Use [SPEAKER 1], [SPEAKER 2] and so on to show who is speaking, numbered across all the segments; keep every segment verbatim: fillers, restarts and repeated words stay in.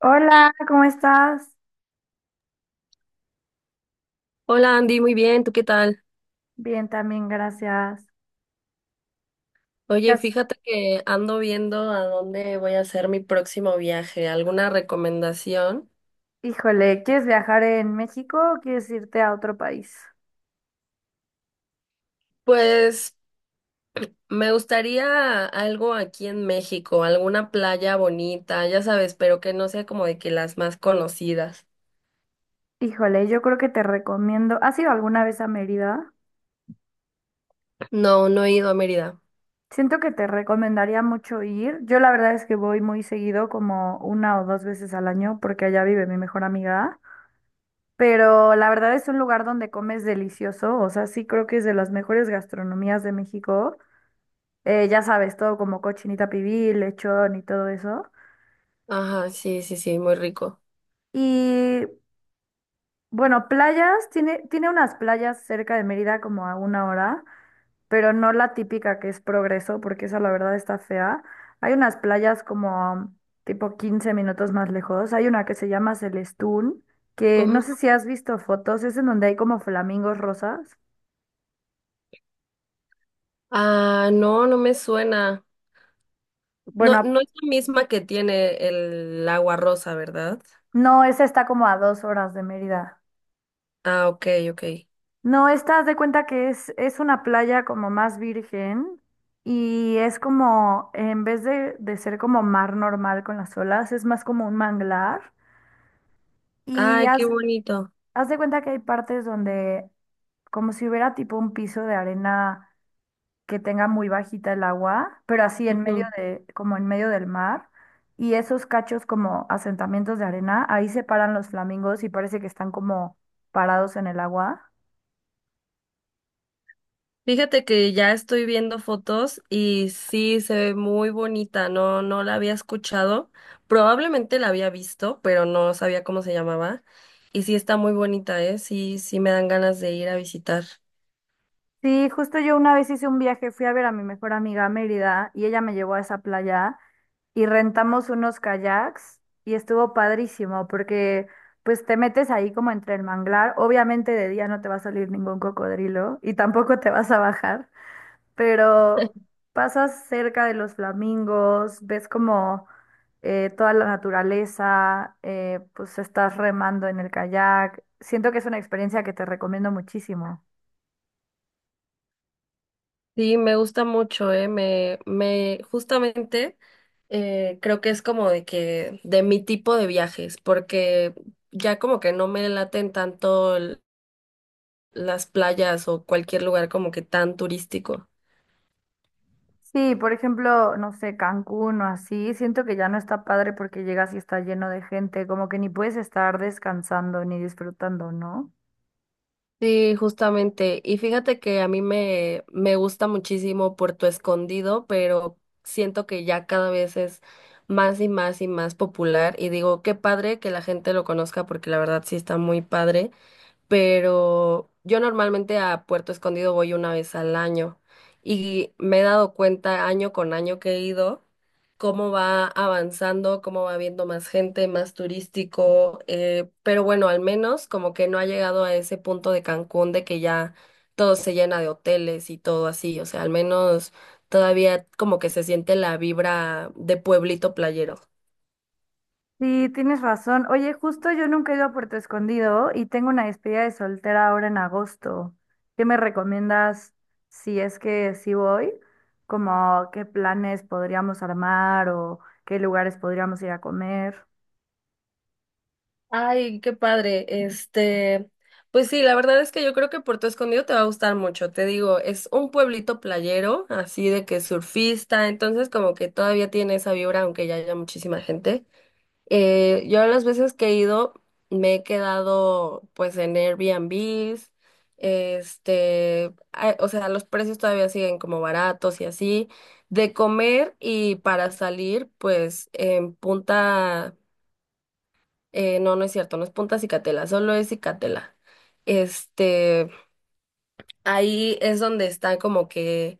[SPEAKER 1] Hola, ¿cómo estás?
[SPEAKER 2] Hola Andy, muy bien, ¿tú qué tal?
[SPEAKER 1] Bien, también, gracias. ¿Qué
[SPEAKER 2] Oye,
[SPEAKER 1] has-
[SPEAKER 2] fíjate que ando viendo a dónde voy a hacer mi próximo viaje. ¿Alguna recomendación?
[SPEAKER 1] Híjole, ¿quieres viajar en México o quieres irte a otro país?
[SPEAKER 2] Pues me gustaría algo aquí en México, alguna playa bonita, ya sabes, pero que no sea como de que las más conocidas.
[SPEAKER 1] Híjole, yo creo que te recomiendo. ¿Has ido alguna vez a Mérida?
[SPEAKER 2] No, no he ido a Mérida.
[SPEAKER 1] Siento que te recomendaría mucho ir. Yo la verdad es que voy muy seguido, como una o dos veces al año, porque allá vive mi mejor amiga. Pero la verdad es un lugar donde comes delicioso. O sea, sí creo que es de las mejores gastronomías de México. Eh, ya sabes, todo como cochinita pibil, lechón y todo eso.
[SPEAKER 2] Ajá, sí, sí, sí, muy rico.
[SPEAKER 1] Y bueno, playas, tiene, tiene unas playas cerca de Mérida como a una hora, pero no la típica que es Progreso, porque esa la verdad está fea. Hay unas playas como um, tipo quince minutos más lejos. Hay una que se llama Celestún, que no
[SPEAKER 2] Ujú.
[SPEAKER 1] sé si has visto fotos, es en donde hay como flamingos rosas.
[SPEAKER 2] Ah, no, no me suena. No,
[SPEAKER 1] Bueno,
[SPEAKER 2] no es la misma que tiene el agua rosa, ¿verdad?
[SPEAKER 1] no, esa está como a dos horas de Mérida.
[SPEAKER 2] Ah, ok, ok.
[SPEAKER 1] No, estás de cuenta que es, es una playa como más virgen y es como, en vez de, de ser como mar normal con las olas, es más como un manglar. Y
[SPEAKER 2] Ay, qué
[SPEAKER 1] haz,
[SPEAKER 2] bonito.
[SPEAKER 1] haz de cuenta que hay partes donde, como si hubiera tipo un piso de arena que tenga muy bajita el agua, pero así en medio de, como en medio del mar. Y esos cachos como asentamientos de arena, ahí se paran los flamingos y parece que están como parados en el agua.
[SPEAKER 2] Fíjate que ya estoy viendo fotos y sí se ve muy bonita, no, no la había escuchado, probablemente la había visto, pero no sabía cómo se llamaba. Y sí está muy bonita, ¿eh? Sí, sí me dan ganas de ir a visitar.
[SPEAKER 1] Sí, justo yo una vez hice un viaje, fui a ver a mi mejor amiga a Mérida y ella me llevó a esa playa y rentamos unos kayaks y estuvo padrísimo porque pues te metes ahí como entre el manglar, obviamente de día no te va a salir ningún cocodrilo y tampoco te vas a bajar, pero pasas cerca de los flamingos, ves como eh, toda la naturaleza, eh, pues estás remando en el kayak, siento que es una experiencia que te recomiendo muchísimo.
[SPEAKER 2] Sí, me gusta mucho, ¿eh? Me, me, justamente eh, creo que es como de que, de mi tipo de viajes, porque ya como que no me laten tanto l- las playas o cualquier lugar como que tan turístico.
[SPEAKER 1] Sí, por ejemplo, no sé, Cancún o así, siento que ya no está padre porque llegas y está lleno de gente, como que ni puedes estar descansando ni disfrutando, ¿no?
[SPEAKER 2] Sí, justamente. Y fíjate que a mí me, me gusta muchísimo Puerto Escondido, pero siento que ya cada vez es más y más y más popular. Y digo, qué padre que la gente lo conozca porque la verdad sí está muy padre. Pero yo normalmente a Puerto Escondido voy una vez al año y me he dado cuenta año con año que he ido cómo va avanzando, cómo va viendo más gente, más turístico, eh, pero bueno, al menos como que no ha llegado a ese punto de Cancún de que ya todo se llena de hoteles y todo así, o sea, al menos todavía como que se siente la vibra de pueblito playero.
[SPEAKER 1] Sí, tienes razón. Oye, justo yo nunca he ido a Puerto Escondido y tengo una despedida de soltera ahora en agosto. ¿Qué me recomiendas si es que sí voy? Como qué planes podríamos armar o qué lugares podríamos ir a comer.
[SPEAKER 2] Ay, qué padre. Este, pues sí, la verdad es que yo creo que Puerto Escondido te va a gustar mucho. Te digo, es un pueblito playero, así de que surfista, entonces como que todavía tiene esa vibra, aunque ya haya muchísima gente. Eh, yo las veces que he ido me he quedado pues en Airbnbs, este, ah, o sea, los precios todavía siguen como baratos y así. De comer y para salir, pues en Punta, eh, no, no es cierto, no es Punta Cicatela, solo es Cicatela. Este, ahí es donde están como que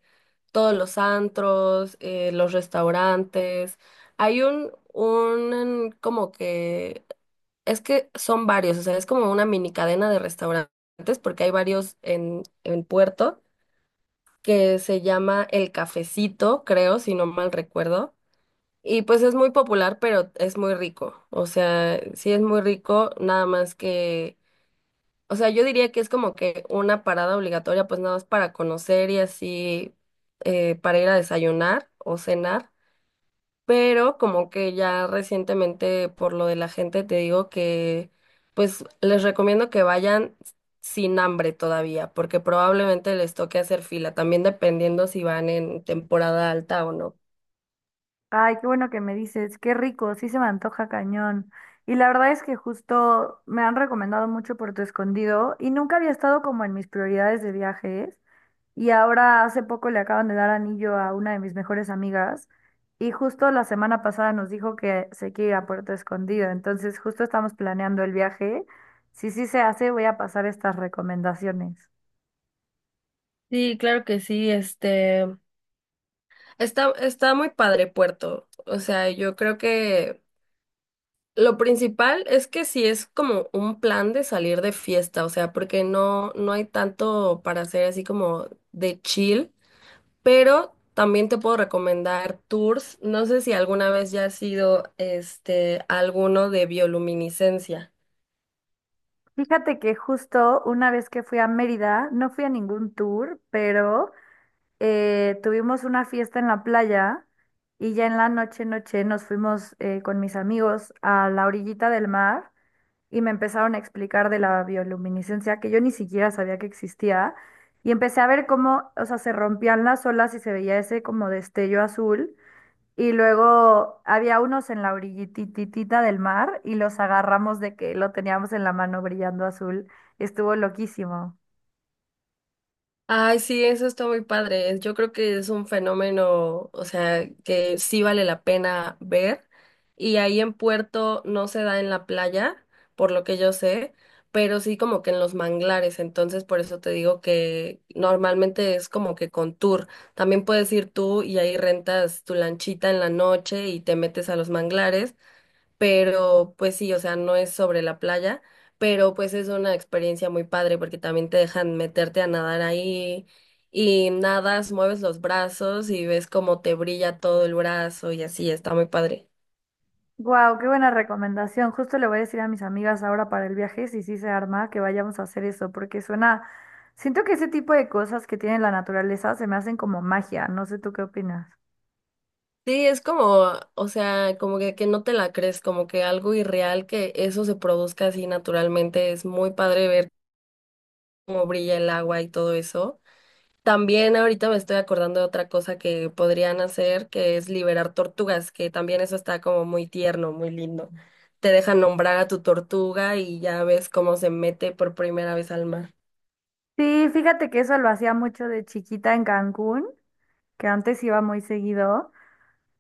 [SPEAKER 2] todos los antros, eh, los restaurantes. Hay un, un como que es que son varios, o sea, es como una mini cadena de restaurantes, porque hay varios en, en Puerto, que se llama El Cafecito, creo, si no mal recuerdo. Y pues es muy popular, pero es muy rico. O sea, sí es muy rico, nada más que, o sea, yo diría que es como que una parada obligatoria, pues nada más para conocer y así, eh, para ir a desayunar o cenar pero como que ya recientemente por lo de la gente te digo que pues les recomiendo que vayan sin hambre todavía, porque probablemente les toque hacer fila, también dependiendo si van en temporada alta o no.
[SPEAKER 1] Ay, qué bueno que me dices, qué rico, sí se me antoja cañón. Y la verdad es que justo me han recomendado mucho Puerto Escondido y nunca había estado como en mis prioridades de viajes. Y ahora hace poco le acaban de dar anillo a una de mis mejores amigas y justo la semana pasada nos dijo que se quiere ir a Puerto Escondido. Entonces justo estamos planeando el viaje. Si sí se hace, voy a pasar estas recomendaciones.
[SPEAKER 2] Sí, claro que sí, este está, está muy padre Puerto. O sea, yo creo que lo principal es que si es como un plan de salir de fiesta, o sea, porque no, no hay tanto para hacer así como de chill. Pero también te puedo recomendar tours. No sé si alguna vez ya has sido este, alguno de bioluminiscencia.
[SPEAKER 1] Fíjate que justo una vez que fui a Mérida, no fui a ningún tour, pero... eh, tuvimos una fiesta en la playa y ya en la noche, noche nos fuimos eh, con mis amigos a la orillita del mar y me empezaron a explicar de la bioluminiscencia que yo ni siquiera sabía que existía y empecé a ver cómo, o sea, se rompían las olas y se veía ese como destello azul y luego había unos en la orillititita del mar y los agarramos de que lo teníamos en la mano brillando azul. Estuvo loquísimo.
[SPEAKER 2] Ay, sí, eso está muy padre. Es- Yo creo que es un fenómeno, o sea, que sí vale la pena ver. Y ahí en Puerto no se da en la playa, por lo que yo sé, pero sí como que en los manglares. Entonces, por eso te digo que normalmente es como que con tour. También puedes ir tú y ahí rentas tu lanchita en la noche y te metes a los manglares pero pues sí, o sea, no es sobre la playa, pero pues es una experiencia muy padre porque también te dejan meterte a nadar ahí y nadas, mueves los brazos y ves cómo te brilla todo el brazo y así, está muy padre.
[SPEAKER 1] Wow, qué buena recomendación. Justo le voy a decir a mis amigas ahora para el viaje, si sí se arma, que vayamos a hacer eso, porque suena, siento que ese tipo de cosas que tiene la naturaleza se me hacen como magia. No sé tú qué opinas.
[SPEAKER 2] Sí, es como, o sea, como que, que no te la crees, como que algo irreal que eso se produzca así naturalmente, es muy padre ver cómo brilla el agua y todo eso. También ahorita me estoy acordando de otra cosa que podrían hacer, que es liberar tortugas, que también eso está como muy tierno, muy lindo. Te dejan nombrar a tu tortuga y ya ves cómo se mete por primera vez al mar.
[SPEAKER 1] Sí, fíjate que eso lo hacía mucho de chiquita en Cancún, que antes iba muy seguido.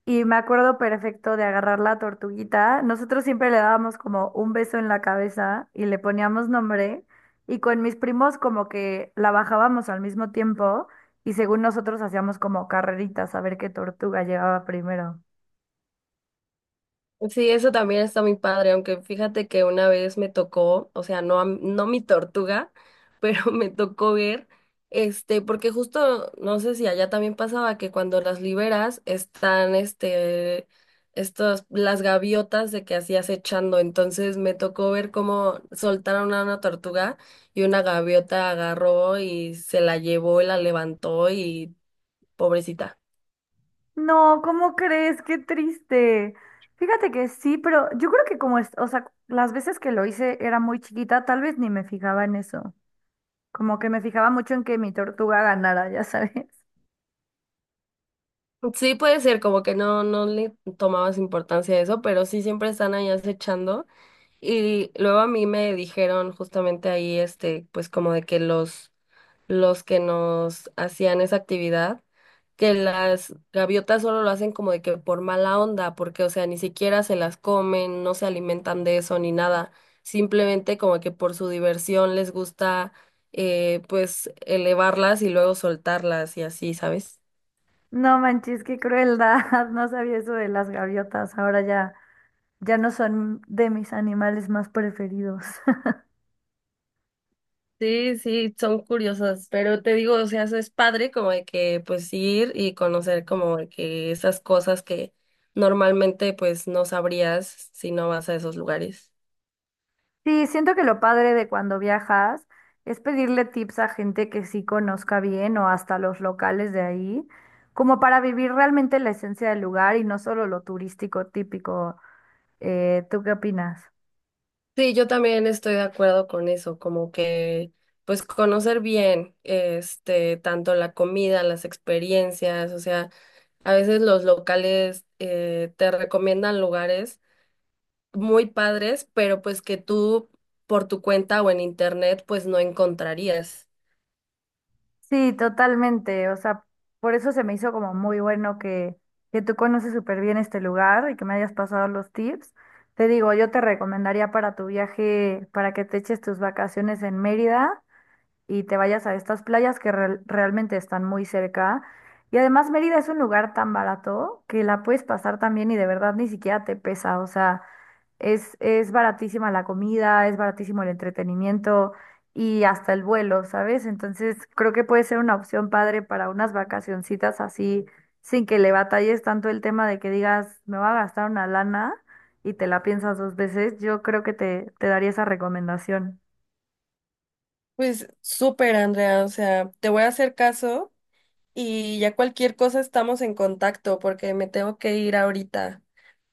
[SPEAKER 1] Y me acuerdo perfecto de agarrar la tortuguita. Nosotros siempre le dábamos como un beso en la cabeza y le poníamos nombre. Y con mis primos como que la bajábamos al mismo tiempo y según nosotros hacíamos como carreritas a ver qué tortuga llegaba primero.
[SPEAKER 2] Sí, eso también está muy padre, aunque fíjate que una vez me tocó, o sea, no, a m- no mi tortuga, pero me tocó ver, este, porque justo, no sé si allá también pasaba que cuando las liberas están, este, estos las gaviotas de que hacías echando, entonces me tocó ver cómo soltaron a una tortuga y una gaviota agarró y se la llevó y la levantó y pobrecita.
[SPEAKER 1] No, ¿cómo crees? Qué triste. Fíjate que sí, pero yo creo que como es, o sea, las veces que lo hice era muy chiquita, tal vez ni me fijaba en eso. Como que me fijaba mucho en que mi tortuga ganara, ya sabes.
[SPEAKER 2] Sí, puede ser, como que no, no le tomabas importancia a eso, pero sí siempre están ahí acechando. Y luego a mí me dijeron justamente ahí, este, pues como de que los, los que nos hacían esa actividad, que las gaviotas solo lo hacen como de que por mala onda, porque, o sea, ni siquiera se las comen, no se alimentan de eso ni nada. Simplemente como que por su diversión les gusta, eh, pues elevarlas y luego soltarlas y así, ¿sabes?
[SPEAKER 1] No manches, qué crueldad. No sabía eso de las gaviotas. Ahora ya, ya no son de mis animales más preferidos.
[SPEAKER 2] Sí, sí, son curiosas, pero te digo, o sea, eso es padre como de que pues ir y conocer como de que esas cosas que normalmente pues no sabrías si no vas a esos lugares.
[SPEAKER 1] Sí, siento que lo padre de cuando viajas es pedirle tips a gente que sí conozca bien o hasta los locales de ahí, como para vivir realmente la esencia del lugar y no solo lo turístico típico. Eh, ¿tú qué opinas?
[SPEAKER 2] Sí, yo también estoy de acuerdo con eso, como que pues conocer bien, este, tanto la comida, las experiencias, o sea, a veces los locales eh, te recomiendan lugares muy padres, pero pues que tú por tu cuenta o en internet pues no encontrarías.
[SPEAKER 1] Sí, totalmente. O sea, por eso se me hizo como muy bueno que, que tú conoces súper bien este lugar y que me hayas pasado los tips. Te digo, yo te recomendaría para tu viaje, para que te eches tus vacaciones en Mérida y te vayas a estas playas que real- realmente están muy cerca. Y además Mérida es un lugar tan barato que la puedes pasar también y de verdad ni siquiera te pesa. O sea, es, es baratísima la comida, es baratísimo el entretenimiento y hasta el vuelo, ¿sabes? Entonces creo que puede ser una opción padre para unas vacacioncitas así, sin que le batalles tanto el tema de que digas, me va a gastar una lana y te la piensas dos veces. Yo creo que te, te daría esa recomendación.
[SPEAKER 2] Pues súper, Andrea, o sea, te voy a hacer caso y ya cualquier cosa estamos en contacto porque me tengo que ir ahorita.